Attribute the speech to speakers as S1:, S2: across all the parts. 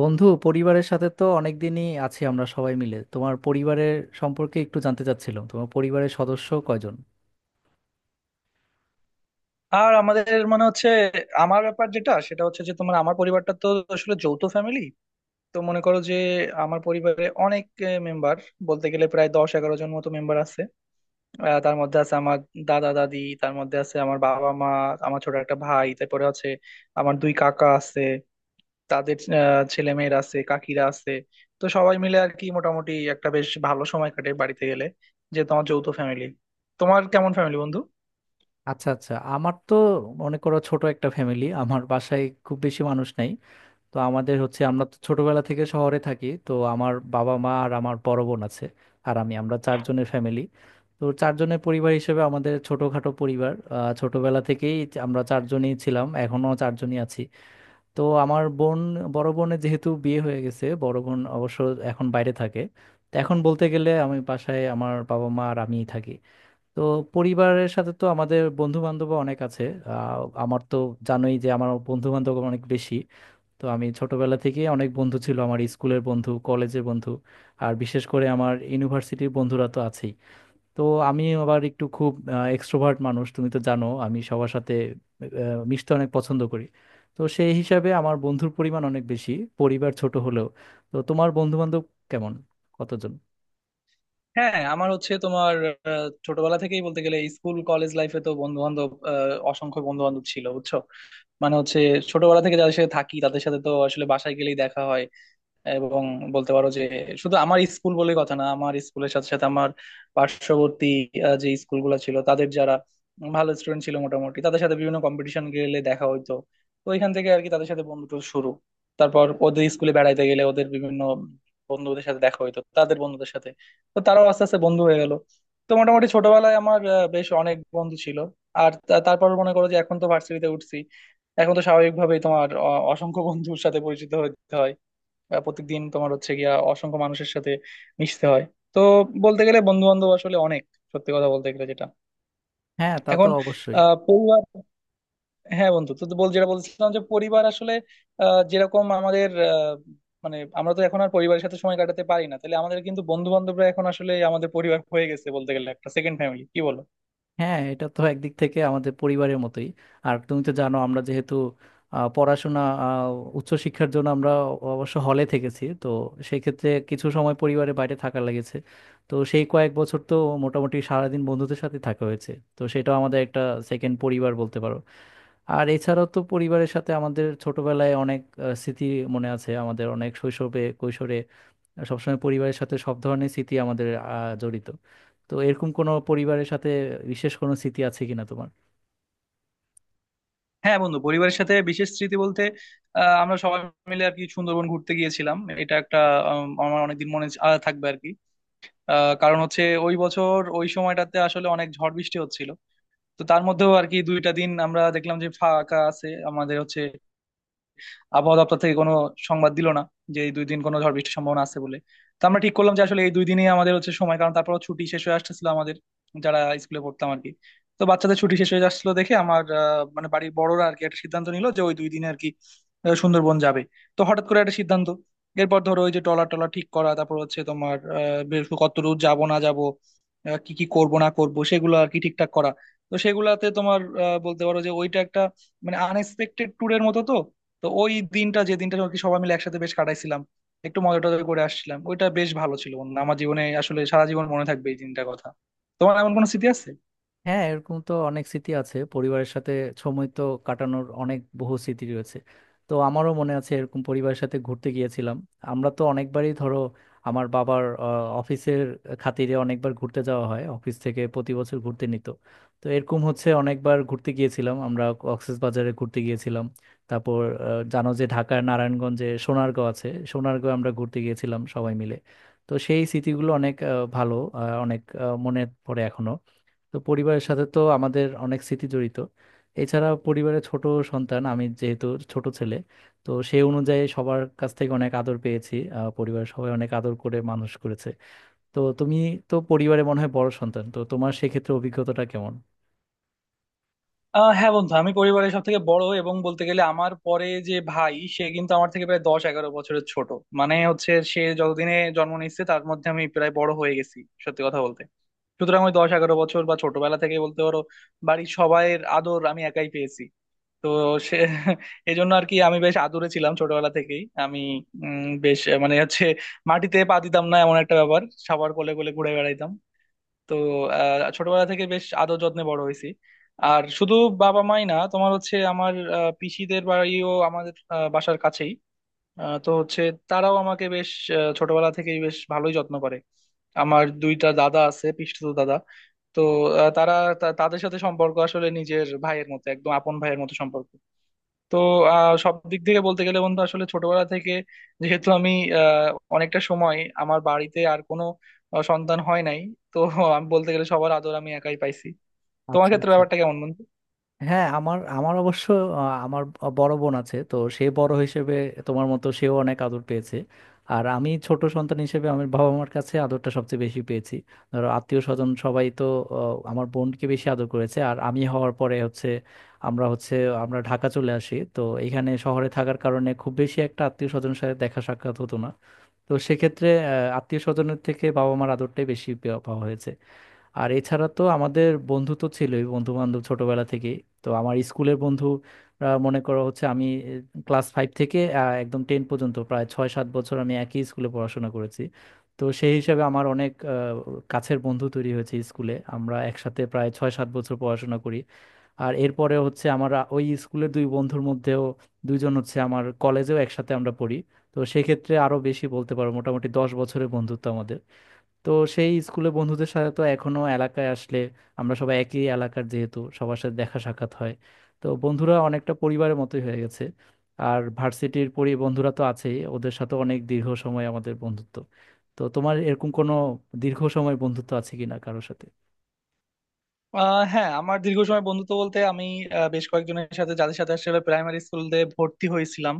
S1: বন্ধু, পরিবারের সাথে তো অনেকদিনই আছি আমরা সবাই মিলে। তোমার পরিবারের সম্পর্কে একটু জানতে চাচ্ছিলাম, তোমার পরিবারের সদস্য কয়জন?
S2: আর আমাদের মানে হচ্ছে আমার ব্যাপার যেটা সেটা হচ্ছে যে তোমার আমার পরিবারটা তো আসলে যৌথ ফ্যামিলি। তো মনে করো যে আমার পরিবারে অনেক মেম্বার, বলতে গেলে প্রায় 10-11 জন মতো মেম্বার আছে। তার মধ্যে আছে আমার দাদা দাদি, তার মধ্যে আছে আমার বাবা মা, আমার ছোট একটা ভাই, তারপরে আছে আমার দুই কাকা আছে, তাদের ছেলে মেয়েরা আছে, কাকিরা আছে। তো সবাই মিলে আর কি মোটামুটি একটা বেশ ভালো সময় কাটে বাড়িতে গেলে, যেহেতু আমার যৌথ ফ্যামিলি। তোমার কেমন ফ্যামিলি বন্ধু?
S1: আচ্ছা আচ্ছা, আমার তো মনে করো ছোট একটা ফ্যামিলি, আমার বাসায় খুব বেশি মানুষ নাই। তো আমাদের হচ্ছে, আমরা তো ছোটবেলা থেকে শহরে থাকি। তো আমার বাবা মা আর আমার বড় বোন আছে আর আমি, আমরা চারজনের ফ্যামিলি। তো চারজনের পরিবার হিসেবে আমাদের ছোটখাটো পরিবার। ছোটবেলা থেকেই আমরা চারজনই ছিলাম, এখনো চারজনই আছি। তো আমার বোন, বড় বোনের যেহেতু বিয়ে হয়ে গেছে, বড় বোন অবশ্য এখন বাইরে থাকে। তো এখন বলতে গেলে আমি বাসায় আমার বাবা মা আর আমিই থাকি। তো পরিবারের সাথে তো আমাদের বন্ধু বান্ধব অনেক আছে। আমার তো জানোই যে আমার বন্ধু বান্ধব অনেক বেশি। তো আমি ছোটবেলা থেকে অনেক বন্ধু ছিল আমার, স্কুলের বন্ধু, কলেজের বন্ধু, আর বিশেষ করে আমার ইউনিভার্সিটির বন্ধুরা তো আছেই। তো আমি আবার একটু খুব এক্সট্রোভার্ট মানুষ, তুমি তো জানো আমি সবার সাথে মিশতে অনেক পছন্দ করি। তো সেই হিসাবে আমার বন্ধুর পরিমাণ অনেক বেশি, পরিবার ছোট হলেও। তো তোমার বন্ধু বান্ধব কেমন, কতজন?
S2: হ্যাঁ, আমার হচ্ছে তোমার ছোটবেলা থেকেই বলতে গেলে স্কুল কলেজ লাইফে তো বন্ধু বান্ধব, অসংখ্য বন্ধু বান্ধব ছিল বুঝছো। মানে হচ্ছে ছোটবেলা থেকে যাদের সাথে থাকি তাদের সাথে তো আসলে বাসায় গেলেই দেখা হয়। এবং বলতে পারো যে শুধু আমার স্কুল বলে কথা না, আমার স্কুলের সাথে সাথে আমার পার্শ্ববর্তী যে স্কুলগুলো ছিল তাদের, যারা ভালো স্টুডেন্ট ছিল মোটামুটি তাদের সাথে বিভিন্ন কম্পিটিশন গেলে দেখা হইতো। তো ওইখান থেকে আর কি তাদের সাথে বন্ধুত্ব শুরু। তারপর ওদের স্কুলে বেড়াইতে গেলে ওদের বিভিন্ন বন্ধুদের সাথে দেখা হইতো, তাদের বন্ধুদের সাথে। তো তারাও আস্তে আস্তে বন্ধু হয়ে গেল। তো মোটামুটি ছোটবেলায় আমার বেশ অনেক বন্ধু ছিল। আর তারপর মনে করো যে এখন তো ভার্সিটিতে উঠছি। এখন তো স্বাভাবিকভাবেই তোমার অসংখ্য বন্ধুর সাথে পরিচিত হতে হয়, বা প্রত্যেকদিন তোমার হচ্ছে গিয়া অসংখ্য মানুষের সাথে মিশতে হয়। তো বলতে গেলে বন্ধু বান্ধব আসলে অনেক, সত্যি কথা বলতে গেলে যেটা।
S1: হ্যাঁ, তা তো
S2: এখন
S1: অবশ্যই।
S2: পরিবার। হ্যাঁ বন্ধু, তো তো বল, যেটা বলছিলাম যে পরিবার আসলে যেরকম আমাদের, মানে আমরা তো এখন আর পরিবারের সাথে সময় কাটাতে পারি না, তাহলে আমাদের কিন্তু বন্ধু বান্ধবরা এখন আসলে আমাদের পরিবার হয়ে গেছে, বলতে গেলে একটা সেকেন্ড ফ্যামিলি, কি বলো?
S1: হ্যাঁ, এটা তো একদিক থেকে আমাদের পরিবারের মতোই। আর তুমি তো জানো আমরা যেহেতু পড়াশোনা, উচ্চশিক্ষার জন্য আমরা অবশ্য হলে থেকেছি। তো সেক্ষেত্রে কিছু সময় পরিবারের বাইরে থাকা লেগেছে। তো সেই কয়েক বছর তো মোটামুটি সারাদিন বন্ধুদের সাথে থাকা হয়েছে। তো সেটাও আমাদের একটা সেকেন্ড পরিবার বলতে পারো। আর এছাড়াও তো পরিবারের সাথে আমাদের ছোটবেলায় অনেক স্মৃতি মনে আছে আমাদের। অনেক শৈশবে, কৈশোরে সবসময় পরিবারের সাথে সব ধরনের স্মৃতি আমাদের জড়িত। তো এরকম কোনো পরিবারের সাথে বিশেষ কোনো স্মৃতি আছে কিনা তোমার?
S2: হ্যাঁ বন্ধু, পরিবারের সাথে বিশেষ স্মৃতি বলতে আমরা সবাই মিলে আর কি সুন্দরবন ঘুরতে গিয়েছিলাম, এটা একটা আমার অনেকদিন মনে থাকবে আর কি। কারণ হচ্ছে ওই বছর ওই সময়টাতে আসলে অনেক ঝড় বৃষ্টি হচ্ছিল। তো তার মধ্যেও আর কি দুইটা দিন আমরা দেখলাম যে ফাঁকা আছে, আমাদের হচ্ছে আবহাওয়া দপ্তর থেকে কোনো সংবাদ দিল না যে এই দুই দিন কোনো ঝড় বৃষ্টির সম্ভাবনা আছে বলে। তো আমরা ঠিক করলাম যে আসলে এই দুই দিনই আমাদের হচ্ছে সময়, কারণ তারপর ছুটি শেষ হয়ে আসতেছিল আমাদের যারা স্কুলে পড়তাম আর কি। তো বাচ্চাদের ছুটি শেষ হয়ে আসছিল দেখে আমার মানে বাড়ির বড়রা আর কি একটা সিদ্ধান্ত নিল যে ওই দুই দিনে আর কি সুন্দরবন যাবে। তো হঠাৎ করে একটা সিদ্ধান্ত। এরপর ধরো ওই যে ট্রলার টলার ঠিক করা, তারপর হচ্ছে তোমার বেশ কত দূর যাবো না যাবো, কি কি করব না করব সেগুলো আর কি ঠিকঠাক করা। তো সেগুলাতে তোমার বলতে পারো যে ওইটা একটা মানে আনএক্সপেক্টেড ট্যুরের মতো। তো তো ওই দিনটা যে দিনটা আর কি সবাই মিলে একসাথে বেশ কাটাইছিলাম, একটু মজা টজা করে আসছিলাম, ওইটা বেশ ভালো ছিল বন্ধু। আমার জীবনে আসলে সারা জীবন মনে থাকবে এই দিনটার কথা। তোমার এমন কোনো স্মৃতি আছে?
S1: হ্যাঁ, এরকম তো অনেক স্মৃতি আছে পরিবারের সাথে, সময় তো কাটানোর অনেক বহু স্মৃতি রয়েছে। তো আমারও মনে আছে এরকম পরিবারের সাথে ঘুরতে গিয়েছিলাম। আমরা তো অনেকবারই, ধরো আমার বাবার অফিসের খাতিরে অনেকবার ঘুরতে যাওয়া হয়, অফিস থেকে প্রতি বছর ঘুরতে নিত। তো এরকম হচ্ছে অনেকবার ঘুরতে গিয়েছিলাম আমরা, বাজারে ঘুরতে গিয়েছিলাম। তারপর জানো যে ঢাকার নারায়ণগঞ্জে সোনারগাঁও আছে, সোনারগাঁও আমরা ঘুরতে গিয়েছিলাম সবাই মিলে। তো সেই স্মৃতিগুলো অনেক ভালো, অনেক মনে পড়ে এখনো। তো পরিবারের সাথে তো আমাদের অনেক স্মৃতি জড়িত। এছাড়া পরিবারের ছোট সন্তান আমি, যেহেতু ছোট ছেলে, তো সেই অনুযায়ী সবার কাছ থেকে অনেক আদর পেয়েছি। পরিবারের সবাই অনেক আদর করে মানুষ করেছে। তো তুমি তো পরিবারে মনে হয় বড় সন্তান, তো তোমার সেক্ষেত্রে অভিজ্ঞতাটা কেমন?
S2: হ্যাঁ বন্ধু, আমি পরিবারের সব থেকে বড় এবং বলতে গেলে আমার পরে যে ভাই সে কিন্তু আমার থেকে প্রায় 10-11 বছরের ছোট। মানে হচ্ছে সে যতদিনে জন্ম নিচ্ছে তার মধ্যে আমি প্রায় বড় হয়ে গেছি, সত্যি কথা বলতে। সুতরাং ওই 10-11 বছর বা ছোটবেলা থেকে বলতে পারো বাড়ির সবাইয়ের আদর আমি একাই পেয়েছি। তো সে এই জন্য আর কি আমি বেশ আদুরে ছিলাম ছোটবেলা থেকেই। আমি বেশ মানে হচ্ছে মাটিতে পা দিতাম না, এমন একটা ব্যাপার। সবার কোলে কোলে ঘুরে বেড়াইতাম। তো ছোটবেলা থেকে বেশ আদর যত্নে বড় হয়েছি। আর শুধু বাবা মাই না, তোমার হচ্ছে আমার পিসিদের বাড়িও আমাদের বাসার কাছেই। তো হচ্ছে তারাও আমাকে বেশ ছোটবেলা থেকেই বেশ ভালোই যত্ন করে। আমার দুইটা দাদা আছে, পিসতুতো দাদা। তো তারা, তাদের সাথে সম্পর্ক আসলে নিজের ভাইয়ের মতো, একদম আপন ভাইয়ের মতো সম্পর্ক। তো সব দিক থেকে বলতে গেলে বন্ধু আসলে ছোটবেলা থেকে, যেহেতু আমি আহ, অনেকটা সময় আমার বাড়িতে আর কোনো সন্তান হয় নাই। তো আমি বলতে গেলে সবার আদর আমি একাই পাইছি। তোমার
S1: আচ্ছা
S2: ক্ষেত্রে
S1: আচ্ছা।
S2: ব্যাপারটা কেমন বন্ধু?
S1: হ্যাঁ, আমার আমার অবশ্য আহ, আমার বড় বোন আছে, তো সে বড় হিসেবে তোমার মতো সেও অনেক আদর পেয়েছে। আর আমি ছোট সন্তান হিসেবে আমার বাবা মার কাছে আদরটা সবচেয়ে বেশি পেয়েছি। ধরো আত্মীয় স্বজন সবাই তো আমার বোনকে বেশি আদর করেছে, আর আমি হওয়ার পরে হচ্ছে, আমরা হচ্ছে আমরা ঢাকা চলে আসি। তো এখানে শহরে থাকার কারণে খুব বেশি একটা আত্মীয় স্বজনের সাথে দেখা সাক্ষাৎ হতো না। তো সেক্ষেত্রে আত্মীয় স্বজনের থেকে বাবা মার আদরটাই বেশি পাওয়া হয়েছে। আর এছাড়া তো আমাদের বন্ধু তো ছিলই, বন্ধু বান্ধব ছোটবেলা থেকে। তো আমার স্কুলের বন্ধুরা, মনে করো হচ্ছে আমি ক্লাস ফাইভ থেকে একদম টেন পর্যন্ত প্রায় 6-7 বছর আমি একই স্কুলে পড়াশোনা করেছি। তো সেই হিসাবে আমার অনেক কাছের বন্ধু তৈরি হয়েছে স্কুলে, আমরা একসাথে প্রায় 6-7 বছর পড়াশোনা করি। আর এরপরে হচ্ছে আমার ওই স্কুলের দুই বন্ধুর মধ্যেও দুইজন হচ্ছে আমার কলেজেও একসাথে আমরা পড়ি। তো সেক্ষেত্রে আরো বেশি বলতে পারো, মোটামুটি 10 বছরের বন্ধুত্ব আমাদের। তো সেই স্কুলে বন্ধুদের সাথে তো এখনো এলাকায় আসলে, আমরা সবাই একই এলাকার যেহেতু, সবার সাথে দেখা সাক্ষাৎ হয়। তো বন্ধুরা অনেকটা পরিবারের মতোই হয়ে গেছে। আর ভার্সিটির বন্ধুরা তো আছেই, ওদের সাথে অনেক দীর্ঘ সময় আমাদের বন্ধুত্ব। তো তোমার এরকম কোনো দীর্ঘ সময় বন্ধুত্ব আছে কিনা কারোর সাথে?
S2: হ্যাঁ, আমার দীর্ঘ সময় বন্ধুত্ব বলতে আমি বেশ কয়েকজনের সাথে, যাদের সাথে আসলে প্রাইমারি স্কুলে ভর্তি হয়েছিলাম।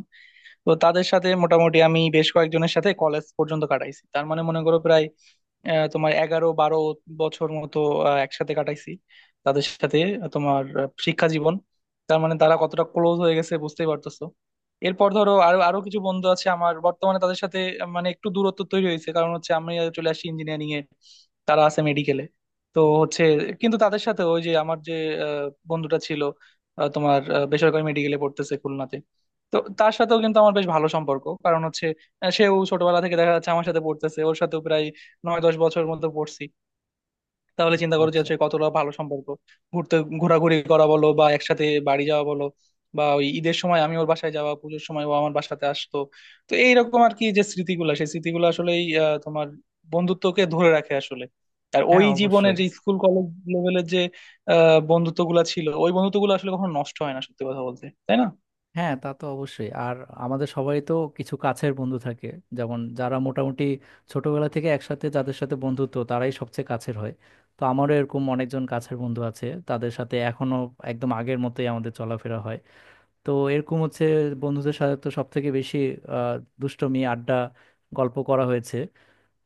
S2: তো তাদের সাথে মোটামুটি আমি বেশ কয়েকজনের সাথে কলেজ পর্যন্ত কাটাইছি, তার মানে মনে করো প্রায় তোমার 11-12 বছর মতো একসাথে কাটাইছি তাদের সাথে তোমার শিক্ষা জীবন। তার মানে তারা কতটা ক্লোজ হয়ে গেছে বুঝতেই পারতেছো। এরপর ধরো আরো আরো কিছু বন্ধু আছে আমার বর্তমানে, তাদের সাথে মানে একটু দূরত্ব তৈরি হয়েছে, কারণ হচ্ছে আমি চলে আসি ইঞ্জিনিয়ারিং এ, তারা আছে মেডিকেলে। তো হচ্ছে কিন্তু তাদের সাথে ওই যে আমার যে আহ, বন্ধুটা ছিল, তোমার বেসরকারি মেডিকেলে পড়তেছে খুলনাতে। তো তার সাথেও কিন্তু আমার বেশ ভালো সম্পর্ক, কারণ হচ্ছে সেও ছোটবেলা থেকে দেখা যাচ্ছে আমার সাথে পড়তেছে, ওর সাথেও প্রায় 9-10 বছরের মধ্যে পড়ছি। তাহলে চিন্তা করো যে
S1: আচ্ছা।
S2: হচ্ছে কতটা ভালো সম্পর্ক। ঘুরতে ঘোরাঘুরি করা বলো বা একসাথে বাড়ি যাওয়া বলো, বা ওই ঈদের সময় আমি ওর বাসায় যাওয়া, পুজোর সময় ও আমার বাসাতে আসতো। তো এইরকম আর কি যে স্মৃতিগুলা, সেই স্মৃতিগুলো আসলেই তোমার বন্ধুত্বকে ধরে রাখে আসলে। আর ওই
S1: হ্যাঁ,
S2: জীবনের
S1: অবশ্যই।
S2: যে স্কুল কলেজ লেভেলের যে বন্ধুত্ব গুলা ছিল, ওই বন্ধুত্ব গুলো আসলে কখনো নষ্ট হয় না, সত্যি কথা বলতে, তাই না?
S1: হ্যাঁ, তা তো অবশ্যই। আর আমাদের সবাই তো কিছু কাছের বন্ধু থাকে, যেমন যারা মোটামুটি ছোটবেলা থেকে একসাথে, যাদের সাথে বন্ধুত্ব তারাই সবচেয়ে কাছের হয়। তো আমারও এরকম অনেকজন কাছের বন্ধু আছে, তাদের সাথে এখনো একদম আগের মতোই আমাদের চলাফেরা হয়। তো এরকম হচ্ছে বন্ধুদের সাথে তো সব থেকে বেশি আহ দুষ্টুমি, আড্ডা, গল্প করা হয়েছে।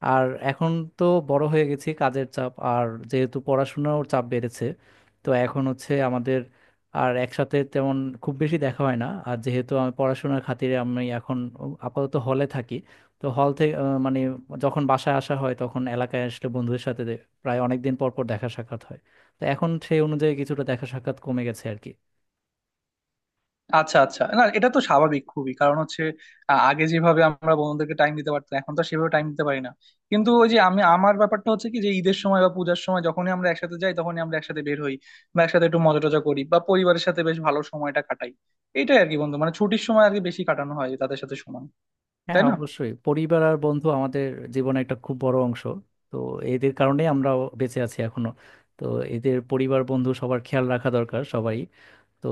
S1: আর এখন তো বড় হয়ে গেছি, কাজের চাপ আর যেহেতু পড়াশোনার চাপ বেড়েছে, তো এখন হচ্ছে আমাদের আর একসাথে তেমন খুব বেশি দেখা হয় না। আর যেহেতু আমি পড়াশোনার খাতিরে আমি এখন আপাতত হলে থাকি, তো হল থেকে মানে যখন বাসায় আসা হয়, তখন এলাকায় আসলে বন্ধুদের সাথে প্রায় অনেক দিন পর পর দেখা সাক্ষাৎ হয়। তো এখন সেই অনুযায়ী কিছুটা দেখা সাক্ষাৎ কমে গেছে আর কি।
S2: আচ্ছা আচ্ছা, না এটা তো স্বাভাবিক খুবই, কারণ হচ্ছে আগে যেভাবে আমরা বন্ধুদেরকে টাইম দিতে পারতাম এখন তো আর সেভাবে টাইম দিতে পারি না। কিন্তু ওই যে আমি আমার ব্যাপারটা হচ্ছে কি যে ঈদের সময় বা পূজার সময় যখনই আমরা একসাথে যাই তখনই আমরা একসাথে বের হই, বা একসাথে একটু মজা টজা করি, বা পরিবারের সাথে বেশ ভালো সময়টা কাটাই। এটাই আর কি বন্ধু, মানে ছুটির সময় আর কি বেশি কাটানো হয় তাদের সাথে সময়।
S1: হ্যাঁ,
S2: তাই না?
S1: অবশ্যই, পরিবার আর বন্ধু আমাদের জীবনে একটা খুব বড় অংশ। তো এদের কারণেই আমরা বেঁচে আছি এখনো। তো এদের, পরিবার, বন্ধু, সবার খেয়াল রাখা দরকার সবাই। তো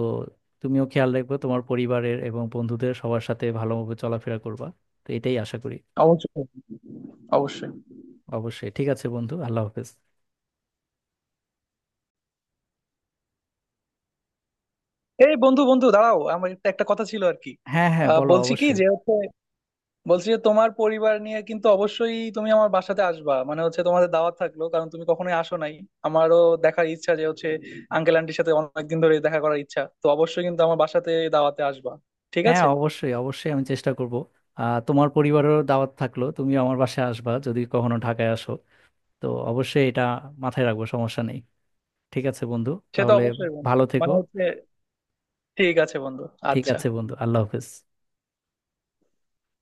S1: তুমিও খেয়াল রাখবে তোমার পরিবারের এবং বন্ধুদের, সবার সাথে ভালোভাবে চলাফেরা করবা। তো এটাই আশা করি।
S2: অবশ্যই। অবশ্যই।
S1: অবশ্যই ঠিক আছে বন্ধু, আল্লাহ হাফেজ।
S2: এই বন্ধু বন্ধু, দাঁড়াও, আমার একটা একটা কথা ছিল আর কি।
S1: হ্যাঁ হ্যাঁ, বলো
S2: বলছি কি
S1: অবশ্যই।
S2: যে হচ্ছে, বলছি যে তোমার পরিবার নিয়ে, কিন্তু অবশ্যই তুমি আমার বাসাতে আসবা, মানে হচ্ছে তোমাদের দাওয়াত থাকলো, কারণ তুমি কখনোই আসো নাই। আমারও দেখার ইচ্ছা যে হচ্ছে আঙ্কেল আন্টির সাথে অনেকদিন ধরে দেখা করার ইচ্ছা, তো অবশ্যই কিন্তু আমার বাসাতে দাওয়াতে আসবা, ঠিক
S1: হ্যাঁ,
S2: আছে?
S1: অবশ্যই অবশ্যই, আমি চেষ্টা করব। তোমার পরিবারেরও দাওয়াত থাকলো, তুমিও আমার বাসায় আসবা যদি কখনো ঢাকায় আসো। তো অবশ্যই এটা মাথায় রাখবো, সমস্যা নেই। ঠিক আছে বন্ধু
S2: সে তো
S1: তাহলে,
S2: অবশ্যই বন্ধু,
S1: ভালো থেকো।
S2: মানে হচ্ছে, ঠিক আছে বন্ধু,
S1: ঠিক
S2: আচ্ছা।
S1: আছে বন্ধু, আল্লাহ হাফেজ।